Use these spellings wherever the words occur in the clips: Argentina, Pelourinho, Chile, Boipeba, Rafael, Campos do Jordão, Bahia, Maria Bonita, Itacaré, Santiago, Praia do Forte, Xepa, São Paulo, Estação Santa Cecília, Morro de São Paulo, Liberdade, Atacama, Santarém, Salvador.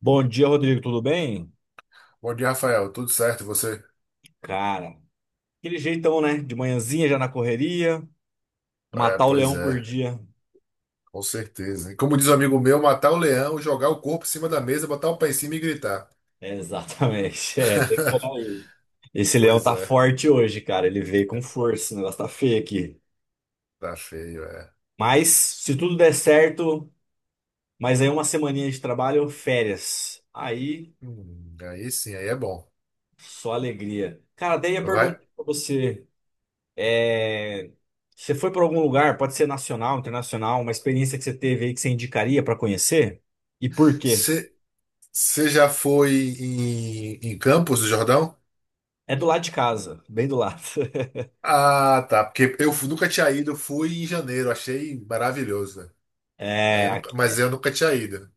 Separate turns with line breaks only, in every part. Bom dia, Rodrigo, tudo bem?
Bom dia, Rafael. Tudo certo, e você?
Cara, aquele jeitão, né? De manhãzinha já na correria,
É,
matar o
pois
leão por
é,
dia.
com certeza. E como diz um amigo meu, matar o leão, jogar o corpo em cima da mesa, botar o pé em cima e gritar.
É, exatamente, é, bem por aí. Esse leão
Pois
tá
é,
forte hoje, cara, ele veio com força, o negócio tá feio aqui.
tá feio, é.
Mas, se tudo der certo, mas aí uma semaninha de trabalho, férias. Aí,
Aí sim, aí é bom.
só alegria. Cara, daí ia
Vai.
perguntar pra você, é... você foi para algum lugar, pode ser nacional, internacional, uma experiência que você teve aí que você indicaria pra conhecer? E por quê?
Você já foi em Campos do Jordão?
É do lado de casa, bem do lado.
Ah, tá. Porque nunca tinha ido, eu fui em janeiro, achei maravilhoso, né? Aí
É,
eu nunca- mas eu nunca tinha ido.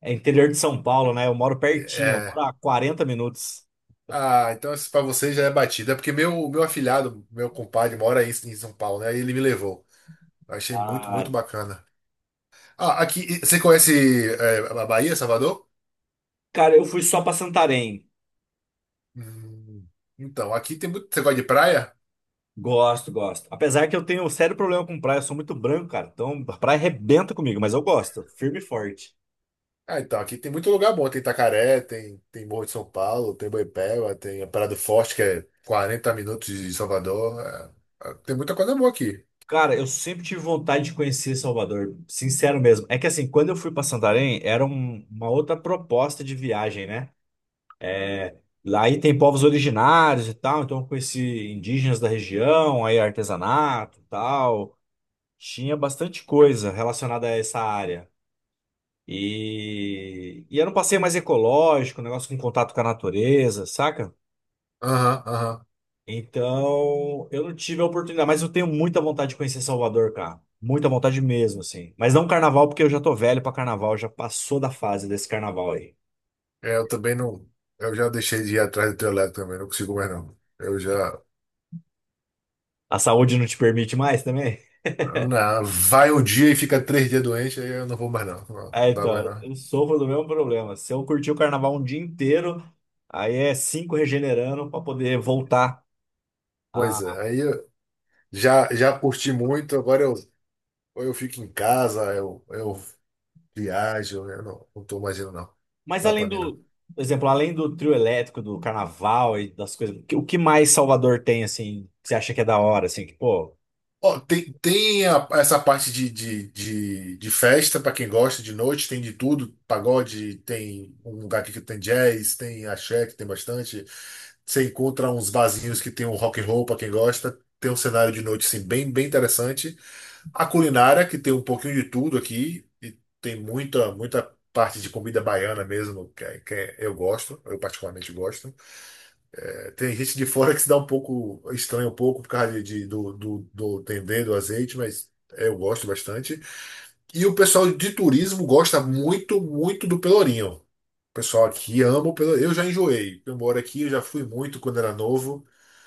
é interior de São Paulo, né? Eu moro pertinho, eu moro
É,
a 40 minutos.
ah, então isso pra você já é batida. É porque meu afilhado, meu compadre, mora aí em São Paulo, né? Aí ele me levou. Achei muito, muito
Ah,
bacana. Ah, aqui. Você conhece a Bahia, Salvador?
cara, eu fui só pra Santarém.
Hum, então, aqui tem muito. Você gosta de praia?
Gosto, gosto. Apesar que eu tenho um sério problema com praia, eu sou muito branco, cara. Então a praia arrebenta comigo, mas eu gosto, firme e forte.
Ah, então, aqui tem muito lugar bom. Tem Itacaré, tem, Morro de São Paulo, tem Boipeba, tem a Praia do Forte, que é 40 minutos de Salvador. É, tem muita coisa boa aqui.
Cara, eu sempre tive vontade de conhecer Salvador, sincero mesmo. É que assim, quando eu fui pra Santarém, era uma outra proposta de viagem, né? Lá aí tem povos originários e tal, então eu conheci indígenas da região, aí artesanato e tal. Tinha bastante coisa relacionada a essa área. E era um passeio mais ecológico, um negócio com contato com a natureza, saca?
Aham, aham.
Então eu não tive a oportunidade, mas eu tenho muita vontade de conhecer Salvador, cara. Muita vontade mesmo, assim. Mas não carnaval, porque eu já tô velho pra carnaval, já passou da fase desse carnaval aí.
É, eu também não. Eu já deixei de ir atrás do teu lado também, não consigo mais não. Eu já.
A saúde não te permite mais também?
Não, vai um dia e fica 3 dias doente, aí eu não vou mais não. Não, não
É,
dá mais
então,
não.
eu sofro do mesmo problema. Se eu curtir o carnaval um dia inteiro, aí é cinco regenerando para poder voltar
Pois
a.
é, aí eu já curti muito, agora ou eu fico em casa, eu viajo, eu não tô mais indo não.
Mas
Dá pra
além
mim não.
do, por exemplo, além do trio elétrico, do carnaval e das coisas, o que mais Salvador tem, assim, que você acha que é da hora, assim, que, pô.
Ó, tem essa parte de festa para quem gosta de noite, tem de tudo, pagode, tem um lugar aqui que tem jazz, tem axé, que tem bastante. Você encontra uns barzinhos que tem um rock and roll para quem gosta, tem um cenário de noite assim, bem, bem interessante. A culinária, que tem um pouquinho de tudo aqui, e tem muita, muita parte de comida baiana mesmo, eu gosto, eu particularmente gosto. Tem gente de fora que se dá um pouco, estranha um pouco por causa do, do dendê, do azeite, mas é, eu gosto bastante. E o pessoal de turismo gosta muito, muito do Pelourinho. O pessoal aqui ama o Pelourinho. Eu já enjoei. Eu moro aqui, eu já fui muito quando era novo,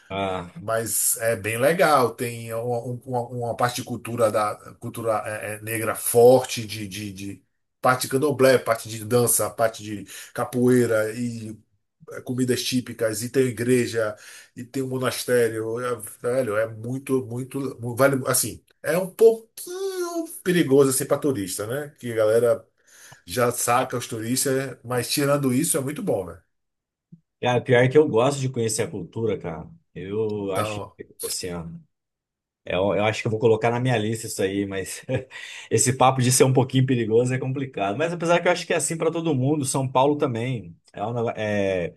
Ah,
mas é bem legal. Tem uma parte de cultura, cultura é negra forte, de parte de candomblé, parte de dança, parte de capoeira e comidas típicas, e tem igreja, e tem um monastério. É, velho, é muito, muito, vale, assim, é um pouquinho perigoso assim para turista, né? Que a galera já saca os turistas, mas tirando isso é muito bom, né?
cara, pior que eu gosto de conhecer a cultura, cara. Eu acho,
Então,
assim, ó. Eu acho que eu vou colocar na minha lista isso aí, mas esse papo de ser um pouquinho perigoso é complicado. Mas apesar que eu acho que é assim para todo mundo, São Paulo também. É um é,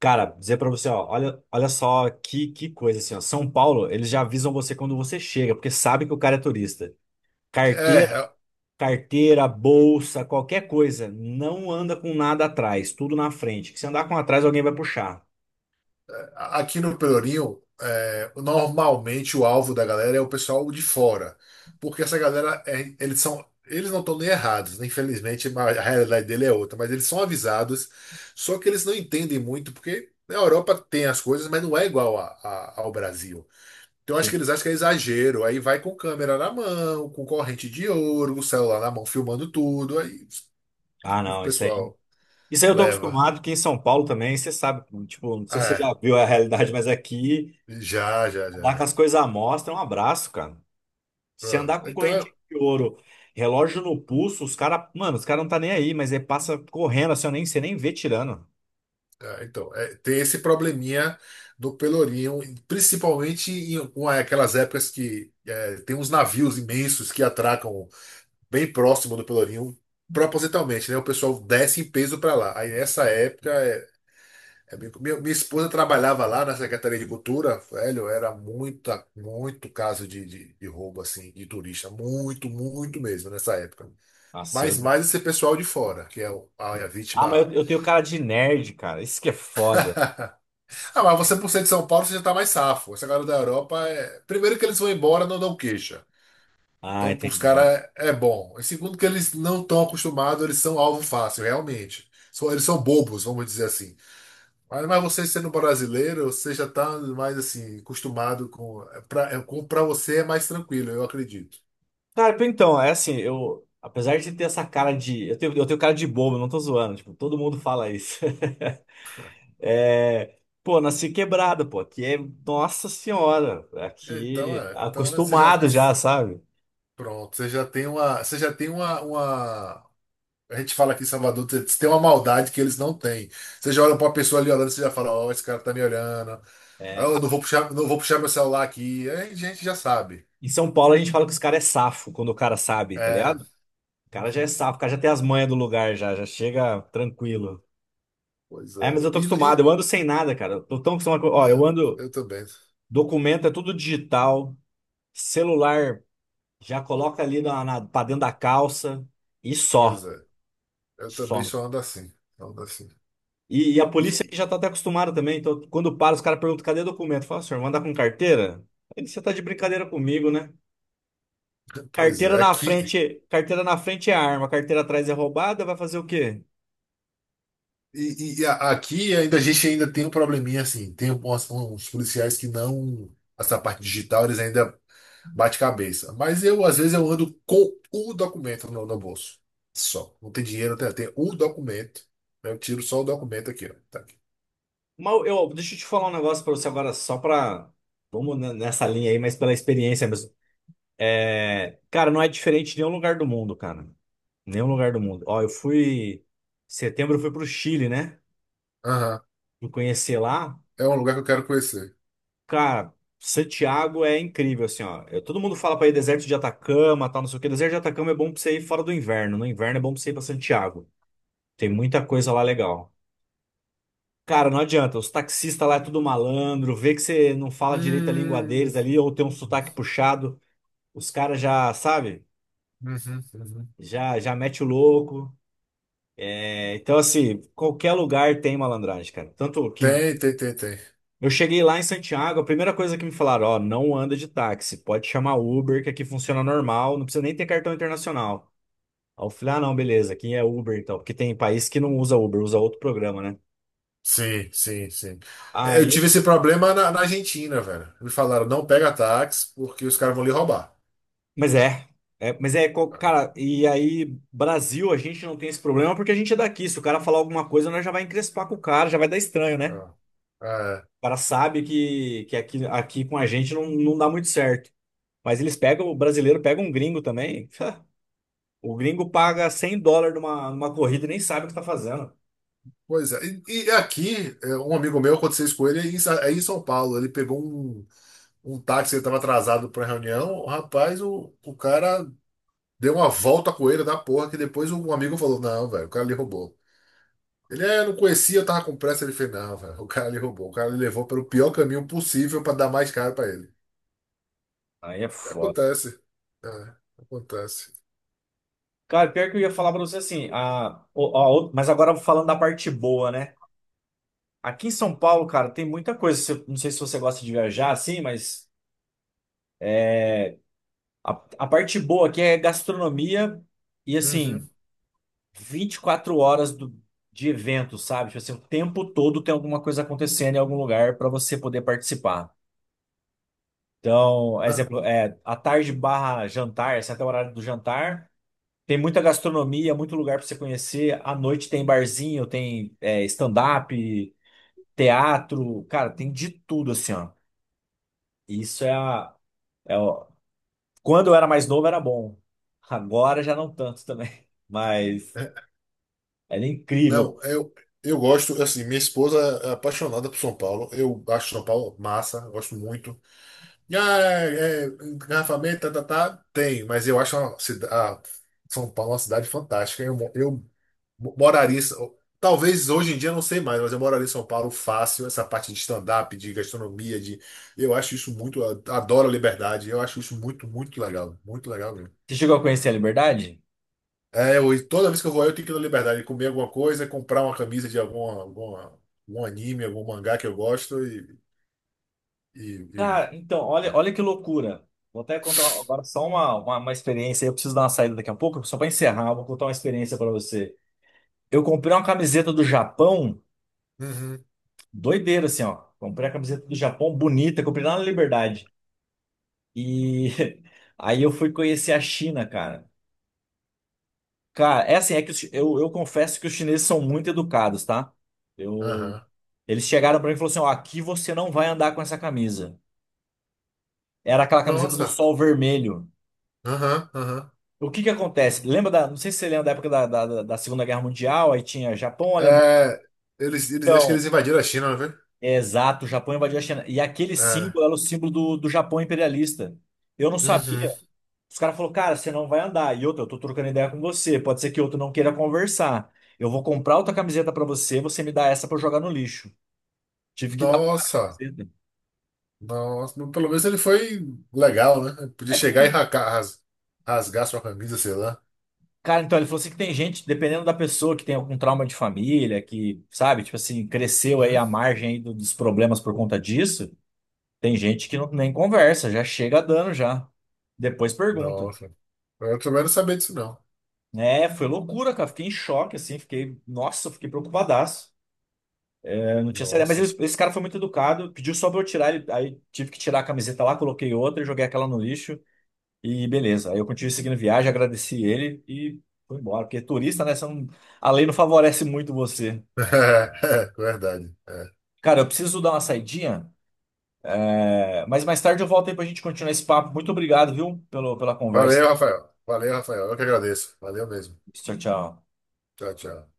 cara, dizer para você, ó, olha, olha só que coisa assim, ó. São Paulo, eles já avisam você quando você chega, porque sabe que o cara é turista. Carteira,
é, é
carteira, bolsa, qualquer coisa, não anda com nada atrás, tudo na frente. Que se andar com atrás, alguém vai puxar.
aqui no Pelourinho, normalmente o alvo da galera é o pessoal de fora, porque essa galera, eles não estão nem errados, né? Infelizmente, mas a realidade dele é outra, mas eles são avisados, só que eles não entendem muito, porque na Europa tem as coisas, mas não é igual ao Brasil. Então acho que
Sim.
eles acham que é exagero, aí vai com câmera na mão, com corrente de ouro, o celular na mão, filmando tudo, aí
Ah,
o
não, isso aí.
pessoal
Isso aí eu tô
leva.
acostumado, que em São Paulo também, você sabe, tipo, não sei se você já
É,
viu a realidade, mas aqui,
já, já, já,
andar com
já.
as coisas à mostra é um abraço, cara. Se
Ah,
andar com
Então
correntinha de ouro, relógio no pulso, os caras, mano, os caras não tá nem aí, mas ele passa correndo, assim, eu nem, você nem vê tirando.
Então, tem esse probleminha do Pelourinho, principalmente aquelas épocas que é, tem uns navios imensos que atracam bem próximo do Pelourinho, propositalmente, né? O pessoal desce em peso para lá. Aí nessa época, minha esposa trabalhava lá na Secretaria de Cultura, velho, era muito caso de roubo, assim, de turista, muito, muito mesmo nessa época.
Nossa,
Mas
eu...
mais esse pessoal de fora, que é a
Ah, mas
vítima.
eu tenho cara de nerd, cara, isso que é foda.
Ah, mas você, por ser de São Paulo, você já tá mais safo. Essa galera da Europa é. Primeiro que eles vão embora, não dão queixa.
Ah,
Então, pros
entendi.
caras é bom. E segundo que eles não estão acostumados, eles são alvo fácil, realmente. Eles são bobos, vamos dizer assim. Mas você sendo brasileiro, você já tá mais assim, acostumado com. Pra você é mais tranquilo, eu acredito.
Cara, tipo, então, é assim, eu, apesar de ter essa cara de, eu tenho cara de bobo, não tô zoando, tipo, todo mundo fala isso. É, pô, nasci quebrada, pô. Aqui é, nossa senhora,
Então
aqui
é. Então é, você já.
acostumado já, sabe?
Pronto, você já tem uma. Você já tem uma, a gente fala aqui em Salvador, tem uma maldade que eles não têm. Você já olha pra uma pessoa ali olhando, você já fala, ó, esse cara tá me olhando. Ah,
É,
eu não vou puxar, meu celular aqui. Aí a gente já sabe.
em São Paulo a gente fala que os caras é safo quando o cara sabe, tá
É.
ligado? O cara já é
Uhum.
safo, o cara já tem as manhas do lugar já, já chega tranquilo.
Pois
É,
é.
mas eu tô
E,
acostumado,
e-
eu ando sem nada, cara. Eu tô tão acostumado. Ó, eu
é,
ando,
eu também.
documento é tudo digital, celular já coloca ali pra dentro da calça e
Pois
só.
é. Eu também
Só.
só ando assim. Ando assim.
E a
E,
polícia aqui já tá até acostumada também. Então, quando para, os caras perguntam, cadê documento? Fala, senhor, manda com carteira? Aí você tá de brincadeira comigo, né?
pois é, aqui.
Carteira na frente é arma, carteira atrás é roubada, vai fazer o quê?
E, aqui ainda a gente ainda tem um probleminha assim. Tem uns policiais que não. Essa parte digital, eles ainda bate-cabeça. Mas eu, às vezes, eu ando com o documento no bolso. Só. Não tem dinheiro, tem o documento. Né? Eu tiro só o documento aqui, ó. Tá aqui.
Mas eu, deixa eu te falar um negócio pra você agora, só pra. Vamos nessa linha aí, mas pela experiência mesmo. É, cara, não é diferente em nenhum lugar do mundo, cara. Nenhum lugar do mundo. Ó, eu fui. Setembro eu fui pro Chile, né?
Aham.
Fui conhecer lá.
É um lugar que eu quero conhecer.
Cara, Santiago é incrível, assim, ó. Todo mundo fala pra ir deserto de Atacama, tal, não sei o quê. Deserto de Atacama é bom pra você ir fora do inverno. No inverno é bom pra você ir pra Santiago. Tem muita coisa lá legal. Cara, não adianta. Os taxistas lá é tudo malandro. Vê que você não fala direito a língua
Hum.
deles ali, ou tem um sotaque puxado. Os caras já, sabe?
Uhum, uhum.
Já mete o louco. É, então, assim, qualquer lugar tem malandragem, cara. Tanto que
Tem, tem, tem, tem.
eu cheguei lá em Santiago, a primeira coisa que me falaram, ó, não anda de táxi, pode chamar Uber, que aqui funciona normal, não precisa nem ter cartão internacional. Aí eu falei, ah, não, beleza, aqui é Uber então, porque tem país que não usa Uber, usa outro programa, né?
Sim, sim, sim. É, eu
Aí,
tive esse problema na Argentina, velho. Me falaram, não pega táxi porque os caras vão lhe roubar.
mas é, é, mas é,
Ah,
cara, e aí, Brasil, a gente não tem esse problema porque a gente é daqui, se o cara falar alguma coisa, nós já vai encrespar com o cara, já vai dar estranho, né?
ah, ah,
O cara sabe que aqui, aqui com a gente não, não dá muito certo. Mas eles pegam, o brasileiro pega um gringo também. O gringo paga US$ 100 numa, numa corrida e nem sabe o que tá fazendo.
pois é. E, aqui, um amigo meu, aconteceu isso com ele, aí em São Paulo, ele pegou um táxi, ele estava atrasado para a reunião. O cara deu uma volta com ele da porra, que depois um amigo falou: não, velho, o cara lhe roubou. Eu não conhecia, eu tava com pressa. Ele fez: não, velho, o cara lhe roubou. O cara lhe levou pelo pior caminho possível para dar mais caro para ele.
Aí é foda.
Acontece. É, acontece.
Cara, pior que eu ia falar pra você assim, mas agora falando da parte boa, né? Aqui em São Paulo, cara, tem muita coisa. Não sei se você gosta de viajar assim, mas a, a parte boa aqui é gastronomia e assim,
Uhum.
24 horas do, de evento, sabe? Tipo assim, o tempo todo tem alguma coisa acontecendo em algum lugar pra você poder participar. Então,
Na-
exemplo, é, à tarde barra jantar, esse é até o horário do jantar. Tem muita gastronomia, muito lugar para você conhecer. À noite tem barzinho, tem é, stand-up, teatro, cara, tem de tudo assim, ó. Isso é a, é o- Quando eu era mais novo era bom. Agora já não tanto também. Mas
é,
era
Não,
incrível.
eu gosto, assim, minha esposa é apaixonada por São Paulo. Eu acho São Paulo massa, gosto muito. Ah, engarrafamento, tá, tá, tá, tem, mas eu acho a São Paulo é uma cidade fantástica. Eu moraria, talvez hoje em dia eu não sei mais, mas eu moraria em São Paulo fácil. Essa parte de stand-up, de gastronomia, eu acho isso muito, adoro a liberdade. Eu acho isso muito, muito legal mesmo.
Você chegou a conhecer a Liberdade?
É, e toda vez que eu vou, eu tenho que ir na liberdade, comer alguma coisa, comprar uma camisa de algum anime, algum mangá que eu gosto e, e...
Cara, então, olha, olha que loucura. Vou até contar agora só uma experiência. Eu preciso dar uma saída daqui a pouco, só para encerrar, vou contar uma experiência para você. Eu comprei uma camiseta do Japão.
Uhum,
Doideira, assim, ó. Comprei a camiseta do Japão bonita, comprei lá na Liberdade. E aí eu fui conhecer a China, cara. Cara, é assim, é que eu confesso que os chineses são muito educados, tá? Eu,
aham.
eles chegaram pra mim e falaram assim, ó, aqui você não vai andar com essa camisa. Era aquela camiseta do
Nossa.
sol vermelho.
Aham, aham.
O que que acontece? Lembra da, não sei se você lembra da época da Segunda Guerra Mundial, aí tinha Japão, Alemanha.
É, acho que
Então,
eles invadiram a China, não foi?
é exato, o Japão invadiu a China. E aquele
É.
símbolo era o símbolo do Japão imperialista. Eu não sabia.
Uhum.
Os caras falaram, cara, você não vai andar. E outra, eu tô trocando ideia com você. Pode ser que outro não queira conversar. Eu vou comprar outra camiseta pra você, você me dá essa pra eu jogar no lixo. Tive que dar pro cara a
Nossa,
camiseta.
nossa. Mas pelo menos ele foi legal, né?
É
Podia
porque,
chegar e racar, rasgar sua camisa, sei lá.
cara, então ele falou assim que tem gente, dependendo da pessoa, que tem algum trauma de família, que, sabe, tipo assim, cresceu aí
Hum?
à margem aí dos problemas por conta disso. Tem gente que não, nem conversa, já chega dando já. Depois pergunta.
Nossa. Eu também não sabia disso, não.
É, foi loucura, cara. Fiquei em choque, assim, fiquei, nossa, eu fiquei preocupadaço. Não tinha CD, mas
Nossa.
esse cara foi muito educado, pediu só pra eu tirar, aí tive que tirar a camiseta lá, coloquei outra, joguei aquela no lixo e beleza. Aí eu continuei seguindo viagem, agradeci ele e fui embora, porque turista, né, você a lei não favorece muito você.
É, verdade. É.
Cara, eu preciso dar uma saidinha, é, mas mais tarde eu volto aí pra gente continuar esse papo. Muito obrigado, viu, pelo, pela conversa.
Valeu, Rafael. Valeu, Rafael. Eu que agradeço. Valeu mesmo.
Tchau, tchau.
Tchau, tchau.